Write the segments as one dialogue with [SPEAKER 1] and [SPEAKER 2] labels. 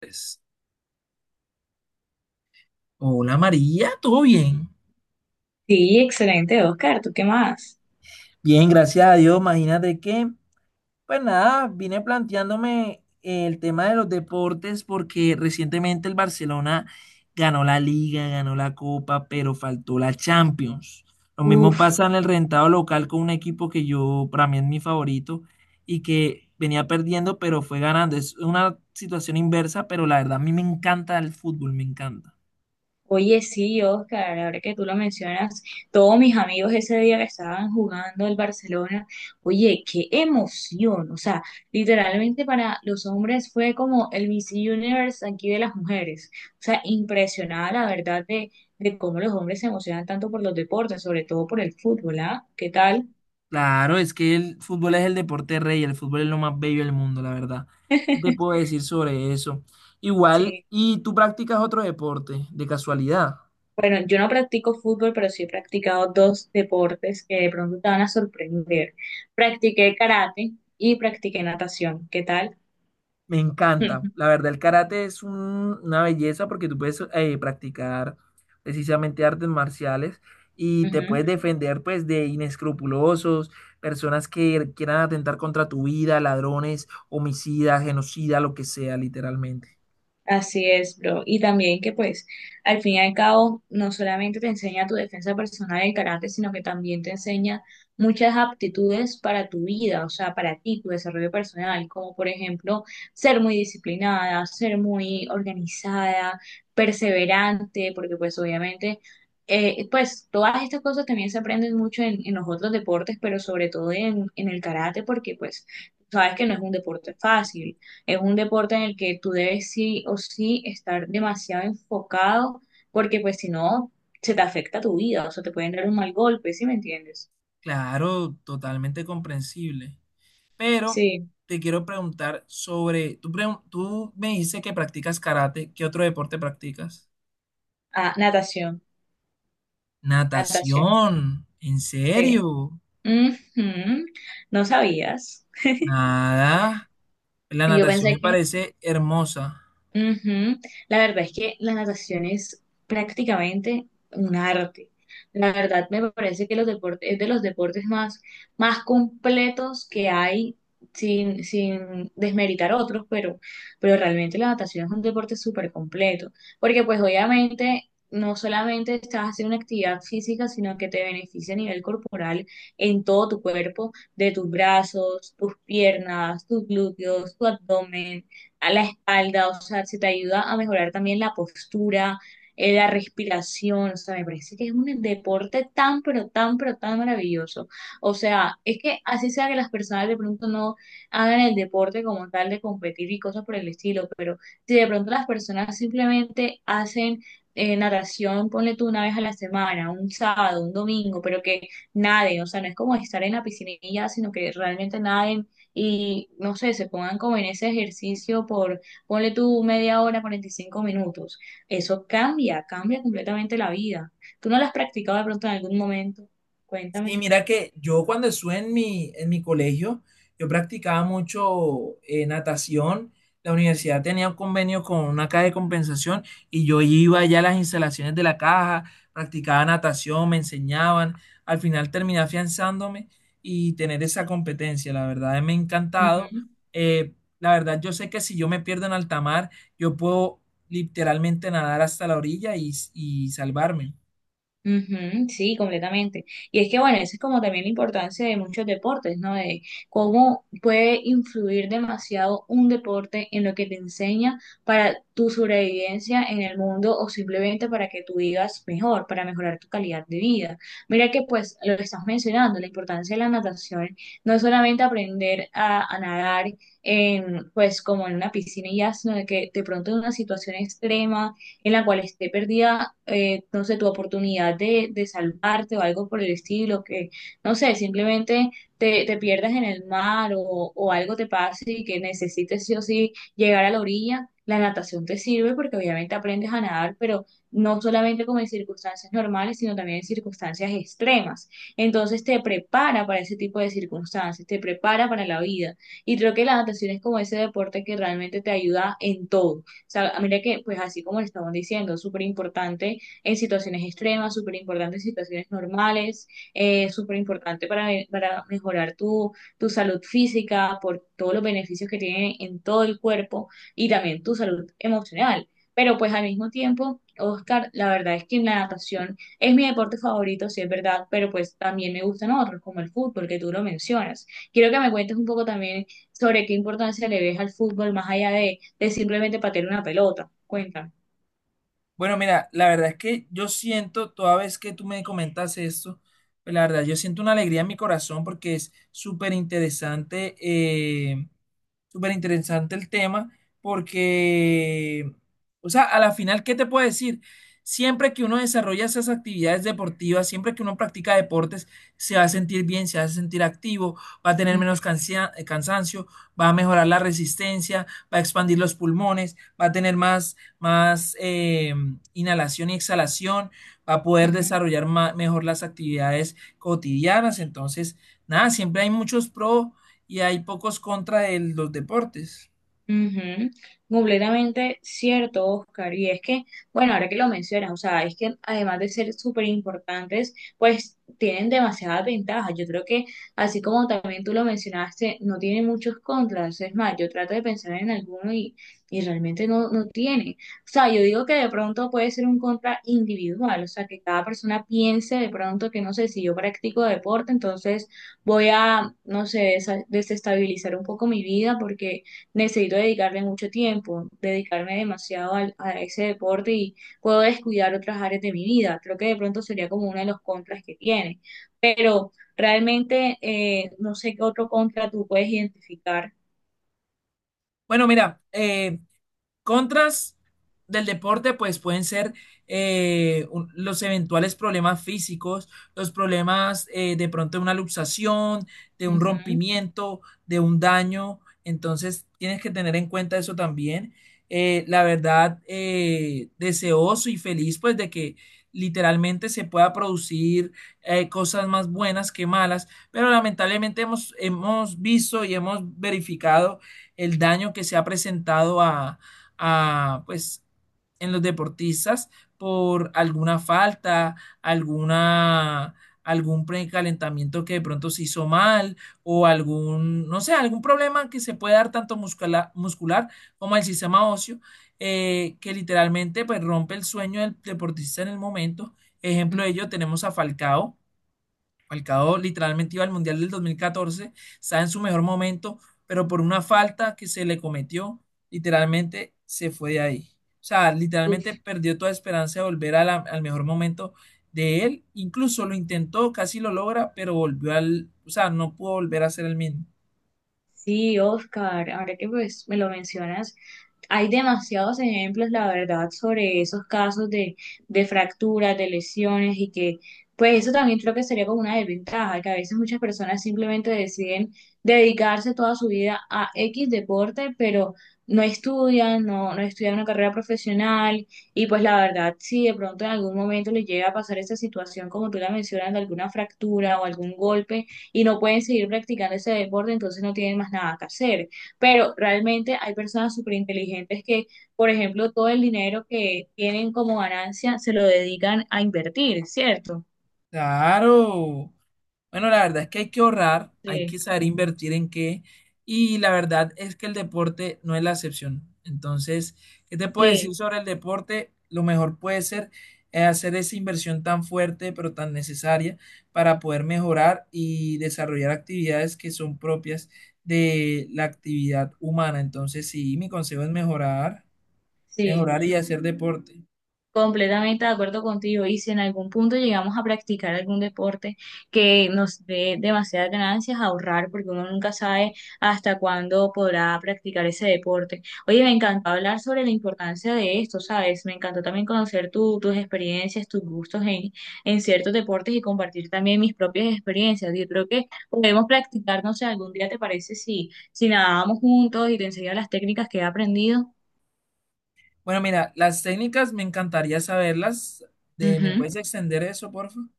[SPEAKER 1] Pues, hola María, ¿todo bien?
[SPEAKER 2] Sí, excelente, Oscar. ¿Tú qué más?
[SPEAKER 1] Bien, gracias a Dios. Imagínate que, pues nada, vine planteándome el tema de los deportes porque recientemente el Barcelona ganó la Liga, ganó la Copa, pero faltó la Champions. Lo mismo
[SPEAKER 2] Uf,
[SPEAKER 1] pasa en el rentado local con un equipo que yo, para mí es mi favorito y que venía perdiendo, pero fue ganando. Es una situación inversa, pero la verdad a mí me encanta el fútbol, me encanta.
[SPEAKER 2] oye, sí, Oscar, ahora que tú lo mencionas, todos mis amigos ese día que estaban jugando el Barcelona, oye, qué emoción. O sea, literalmente para los hombres fue como el Miss Universe aquí de las mujeres. O sea, impresionada la verdad de cómo los hombres se emocionan tanto por los deportes, sobre todo por el fútbol, ¿ah? ¿Qué tal?
[SPEAKER 1] Claro, es que el fútbol es el deporte rey, el fútbol es lo más bello del mundo, la verdad. ¿Qué te puedo decir sobre eso? Igual,
[SPEAKER 2] Sí.
[SPEAKER 1] ¿y tú practicas otro deporte, de casualidad?
[SPEAKER 2] Bueno, yo no practico fútbol, pero sí he practicado dos deportes que de pronto te van a sorprender. Practiqué karate y practiqué natación. ¿Qué tal?
[SPEAKER 1] Me
[SPEAKER 2] Ujú.
[SPEAKER 1] encanta. La verdad, el karate es una belleza porque tú puedes practicar precisamente artes marciales y te puedes defender pues de inescrupulosos, personas que quieran atentar contra tu vida, ladrones, homicidas, genocida, lo que sea, literalmente.
[SPEAKER 2] Así es, bro. Y también que pues al fin y al cabo no solamente te enseña tu defensa personal y el carácter, sino que también te enseña muchas aptitudes para tu vida, o sea, para ti, tu desarrollo personal, como por ejemplo ser muy disciplinada, ser muy organizada, perseverante, porque pues obviamente, pues todas estas cosas también se aprenden mucho en los otros deportes, pero sobre todo en el karate, porque pues sabes que no es un deporte fácil, es un deporte en el que tú debes sí o sí estar demasiado enfocado, porque pues si no, se te afecta tu vida, o sea, te pueden dar un mal golpe, ¿sí me entiendes?
[SPEAKER 1] Claro, totalmente comprensible. Pero
[SPEAKER 2] Sí.
[SPEAKER 1] te quiero preguntar sobre, tú, tú me dices que practicas karate, ¿qué otro deporte practicas?
[SPEAKER 2] Ah, natación, natación,
[SPEAKER 1] Natación, ¿en
[SPEAKER 2] sí.
[SPEAKER 1] serio?
[SPEAKER 2] Ujú. No sabías.
[SPEAKER 1] Nada, la
[SPEAKER 2] Yo
[SPEAKER 1] natación me
[SPEAKER 2] pensé que
[SPEAKER 1] parece hermosa.
[SPEAKER 2] Ujú. La verdad es que la natación es prácticamente un arte. La verdad me parece que los deportes, es de los deportes más, más completos que hay, sin desmeritar otros, pero realmente la natación es un deporte súper completo, porque pues obviamente no solamente estás haciendo una actividad física, sino que te beneficia a nivel corporal en todo tu cuerpo, de tus brazos, tus piernas, tus glúteos, tu abdomen a la espalda, o sea, se te ayuda a mejorar también la postura, la respiración, o sea, me parece que es un deporte tan, pero tan, pero tan maravilloso. O sea, es que así sea que las personas de pronto no hagan el deporte como tal de competir y cosas por el estilo, pero si de pronto las personas simplemente hacen natación, ponle tú una vez a la semana, un sábado, un domingo, pero que naden, o sea, no es como estar en la piscinilla, sino que realmente naden y no sé, se pongan como en ese ejercicio por, ponle tú media hora, 45 minutos. Eso cambia, cambia completamente la vida. ¿Tú no lo has practicado de pronto en algún momento?
[SPEAKER 1] Sí,
[SPEAKER 2] Cuéntame.
[SPEAKER 1] mira que yo cuando estuve en en mi colegio, yo practicaba mucho natación. La universidad tenía un convenio con una caja de compensación y yo iba allá a las instalaciones de la caja, practicaba natación, me enseñaban. Al final terminé afianzándome y tener esa competencia, la verdad, me ha encantado. Eh, la verdad, yo sé que si yo me pierdo en alta mar, yo puedo literalmente nadar hasta la orilla y salvarme.
[SPEAKER 2] Ujú, sí, completamente. Y es que, bueno, eso es como también la importancia de muchos deportes, ¿no? De cómo puede influir demasiado un deporte en lo que te enseña para tu sobrevivencia en el mundo o simplemente para que tú vivas mejor, para mejorar tu calidad de vida. Mira que, pues, lo que estás mencionando, la importancia de la natación, no es solamente aprender a nadar en, pues, como en una piscina y ya, sino de que de pronto en una situación extrema en la cual esté perdida, no sé, tu oportunidad de salvarte o algo por el estilo, que, no sé, simplemente te pierdas en el mar o algo te pase y que necesites sí o sí llegar a la orilla. La natación te sirve porque obviamente aprendes a nadar, pero no solamente como en circunstancias normales, sino también en circunstancias extremas. Entonces te prepara para ese tipo de circunstancias, te prepara para la vida. Y creo que la natación es como ese deporte que realmente te ayuda en todo. O sea, mira que, pues así como le estamos diciendo, súper importante en situaciones extremas, súper importante en situaciones normales, súper importante para mejorar tu, tu salud física por todos los beneficios que tiene en todo el cuerpo y también tu salud emocional. Pero pues al mismo tiempo, Oscar, la verdad es que la natación es mi deporte favorito, sí es verdad, pero pues también me gustan otros, como el fútbol, que tú lo mencionas. Quiero que me cuentes un poco también sobre qué importancia le ves al fútbol, más allá de es simplemente patear una pelota, cuenta.
[SPEAKER 1] Bueno, mira, la verdad es que yo siento, toda vez que tú me comentas esto, pues la verdad, yo siento una alegría en mi corazón porque es súper interesante súper interesante el tema porque, o sea, a la final, ¿qué te puedo decir? Siempre que uno desarrolla esas actividades deportivas, siempre que uno practica deportes, se va a sentir bien, se va a sentir activo, va a tener
[SPEAKER 2] Ujú,
[SPEAKER 1] menos cansancio, va a mejorar la resistencia, va a expandir los pulmones, va a tener más inhalación y exhalación, va a poder
[SPEAKER 2] ujú.
[SPEAKER 1] desarrollar mejor las actividades cotidianas. Entonces, nada, siempre hay muchos pros y hay pocos contra el los deportes.
[SPEAKER 2] Ujú, completamente cierto, Oscar. Y es que, bueno, ahora que lo mencionas, o sea, es que además de ser súper importantes, pues tienen demasiadas ventajas. Yo creo que, así como también tú lo mencionaste, no tiene muchos contras. Es más, yo trato de pensar en alguno y realmente no, no tiene. O sea, yo digo que de pronto puede ser un contra individual, o sea, que cada persona piense de pronto que, no sé, si yo practico deporte, entonces voy a, no sé, desestabilizar un poco mi vida porque necesito dedicarle mucho tiempo, dedicarme demasiado a ese deporte y puedo descuidar otras áreas de mi vida. Creo que de pronto sería como uno de los contras que tiene. Pero realmente no sé qué otro contra tú puedes identificar.
[SPEAKER 1] Bueno, mira, contras del deporte, pues pueden ser los eventuales problemas físicos, los problemas de pronto de una luxación, de un
[SPEAKER 2] Ujú,
[SPEAKER 1] rompimiento, de un daño. Entonces, tienes que tener en cuenta eso también. La verdad, deseoso y feliz, pues, de que literalmente se pueda producir cosas más buenas que malas, pero lamentablemente hemos visto y hemos verificado el daño que se ha presentado pues, en los deportistas por alguna falta, alguna, algún precalentamiento que de pronto se hizo mal o algún, no sé, algún problema que se puede dar tanto muscular como al sistema óseo, que literalmente pues rompe el sueño del deportista en el momento. Ejemplo de ello tenemos a Falcao, Falcao literalmente iba al Mundial del 2014, está en su mejor momento, pero por una falta que se le cometió, literalmente se fue de ahí. O sea, literalmente
[SPEAKER 2] ujú.
[SPEAKER 1] perdió toda esperanza de volver a al mejor momento de él. Incluso lo intentó, casi lo logra, pero volvió al, o sea, no pudo volver a ser el mismo.
[SPEAKER 2] Sí, Oscar, ahora que pues me lo mencionas, hay demasiados ejemplos, la verdad, sobre esos casos de fracturas, de lesiones y que pues eso también creo que sería como una desventaja, que a veces muchas personas simplemente deciden dedicarse toda su vida a X deporte, pero no estudian, no, no estudian una carrera profesional y pues la verdad, si de pronto en algún momento les llega a pasar esta situación, como tú la mencionas, de alguna fractura o algún golpe, y no pueden seguir practicando ese deporte, entonces no tienen más nada que hacer. Pero realmente hay personas súper inteligentes que, por ejemplo, todo el dinero que tienen como ganancia se lo dedican a invertir, ¿cierto?
[SPEAKER 1] Claro. Bueno, la verdad es que hay que ahorrar, hay que
[SPEAKER 2] Sí,
[SPEAKER 1] saber invertir en qué, y la verdad es que el deporte no es la excepción. Entonces, ¿qué te puedo decir
[SPEAKER 2] sí,
[SPEAKER 1] sobre el deporte? Lo mejor puede ser hacer esa inversión tan fuerte, pero tan necesaria para poder mejorar y desarrollar actividades que son propias de la actividad humana. Entonces, sí, mi consejo es mejorar,
[SPEAKER 2] sí.
[SPEAKER 1] mejorar y hacer deporte.
[SPEAKER 2] Completamente de acuerdo contigo. Y si en algún punto llegamos a practicar algún deporte que nos dé demasiadas ganancias, ahorrar, porque uno nunca sabe hasta cuándo podrá practicar ese deporte. Oye, me encantó hablar sobre la importancia de esto, ¿sabes? Me encantó también conocer tus experiencias, tus gustos en ciertos deportes y compartir también mis propias experiencias. Yo creo que podemos practicar, no sé, algún día te parece si nadábamos juntos y te enseño las técnicas que he aprendido.
[SPEAKER 1] Bueno, mira, las técnicas me encantaría saberlas. De, ¿me
[SPEAKER 2] Ujú.
[SPEAKER 1] puedes extender eso, por favor?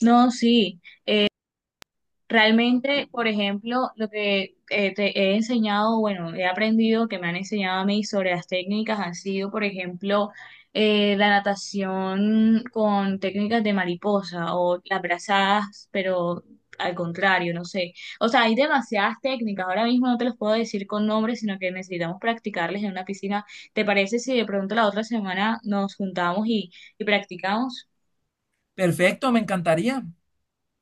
[SPEAKER 2] No, sí. Realmente, por ejemplo, lo que te he enseñado, bueno, he aprendido, que me han enseñado a mí sobre las técnicas, han sido, por ejemplo, la natación con técnicas de mariposa o las brazadas, pero al contrario, no sé. O sea, hay demasiadas técnicas. Ahora mismo no te los puedo decir con nombres, sino que necesitamos practicarles en una piscina. ¿Te parece si de pronto la otra semana nos juntamos y practicamos?
[SPEAKER 1] Perfecto, me encantaría.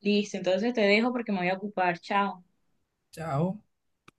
[SPEAKER 2] Listo, entonces te dejo porque me voy a ocupar. Chao.
[SPEAKER 1] Chao.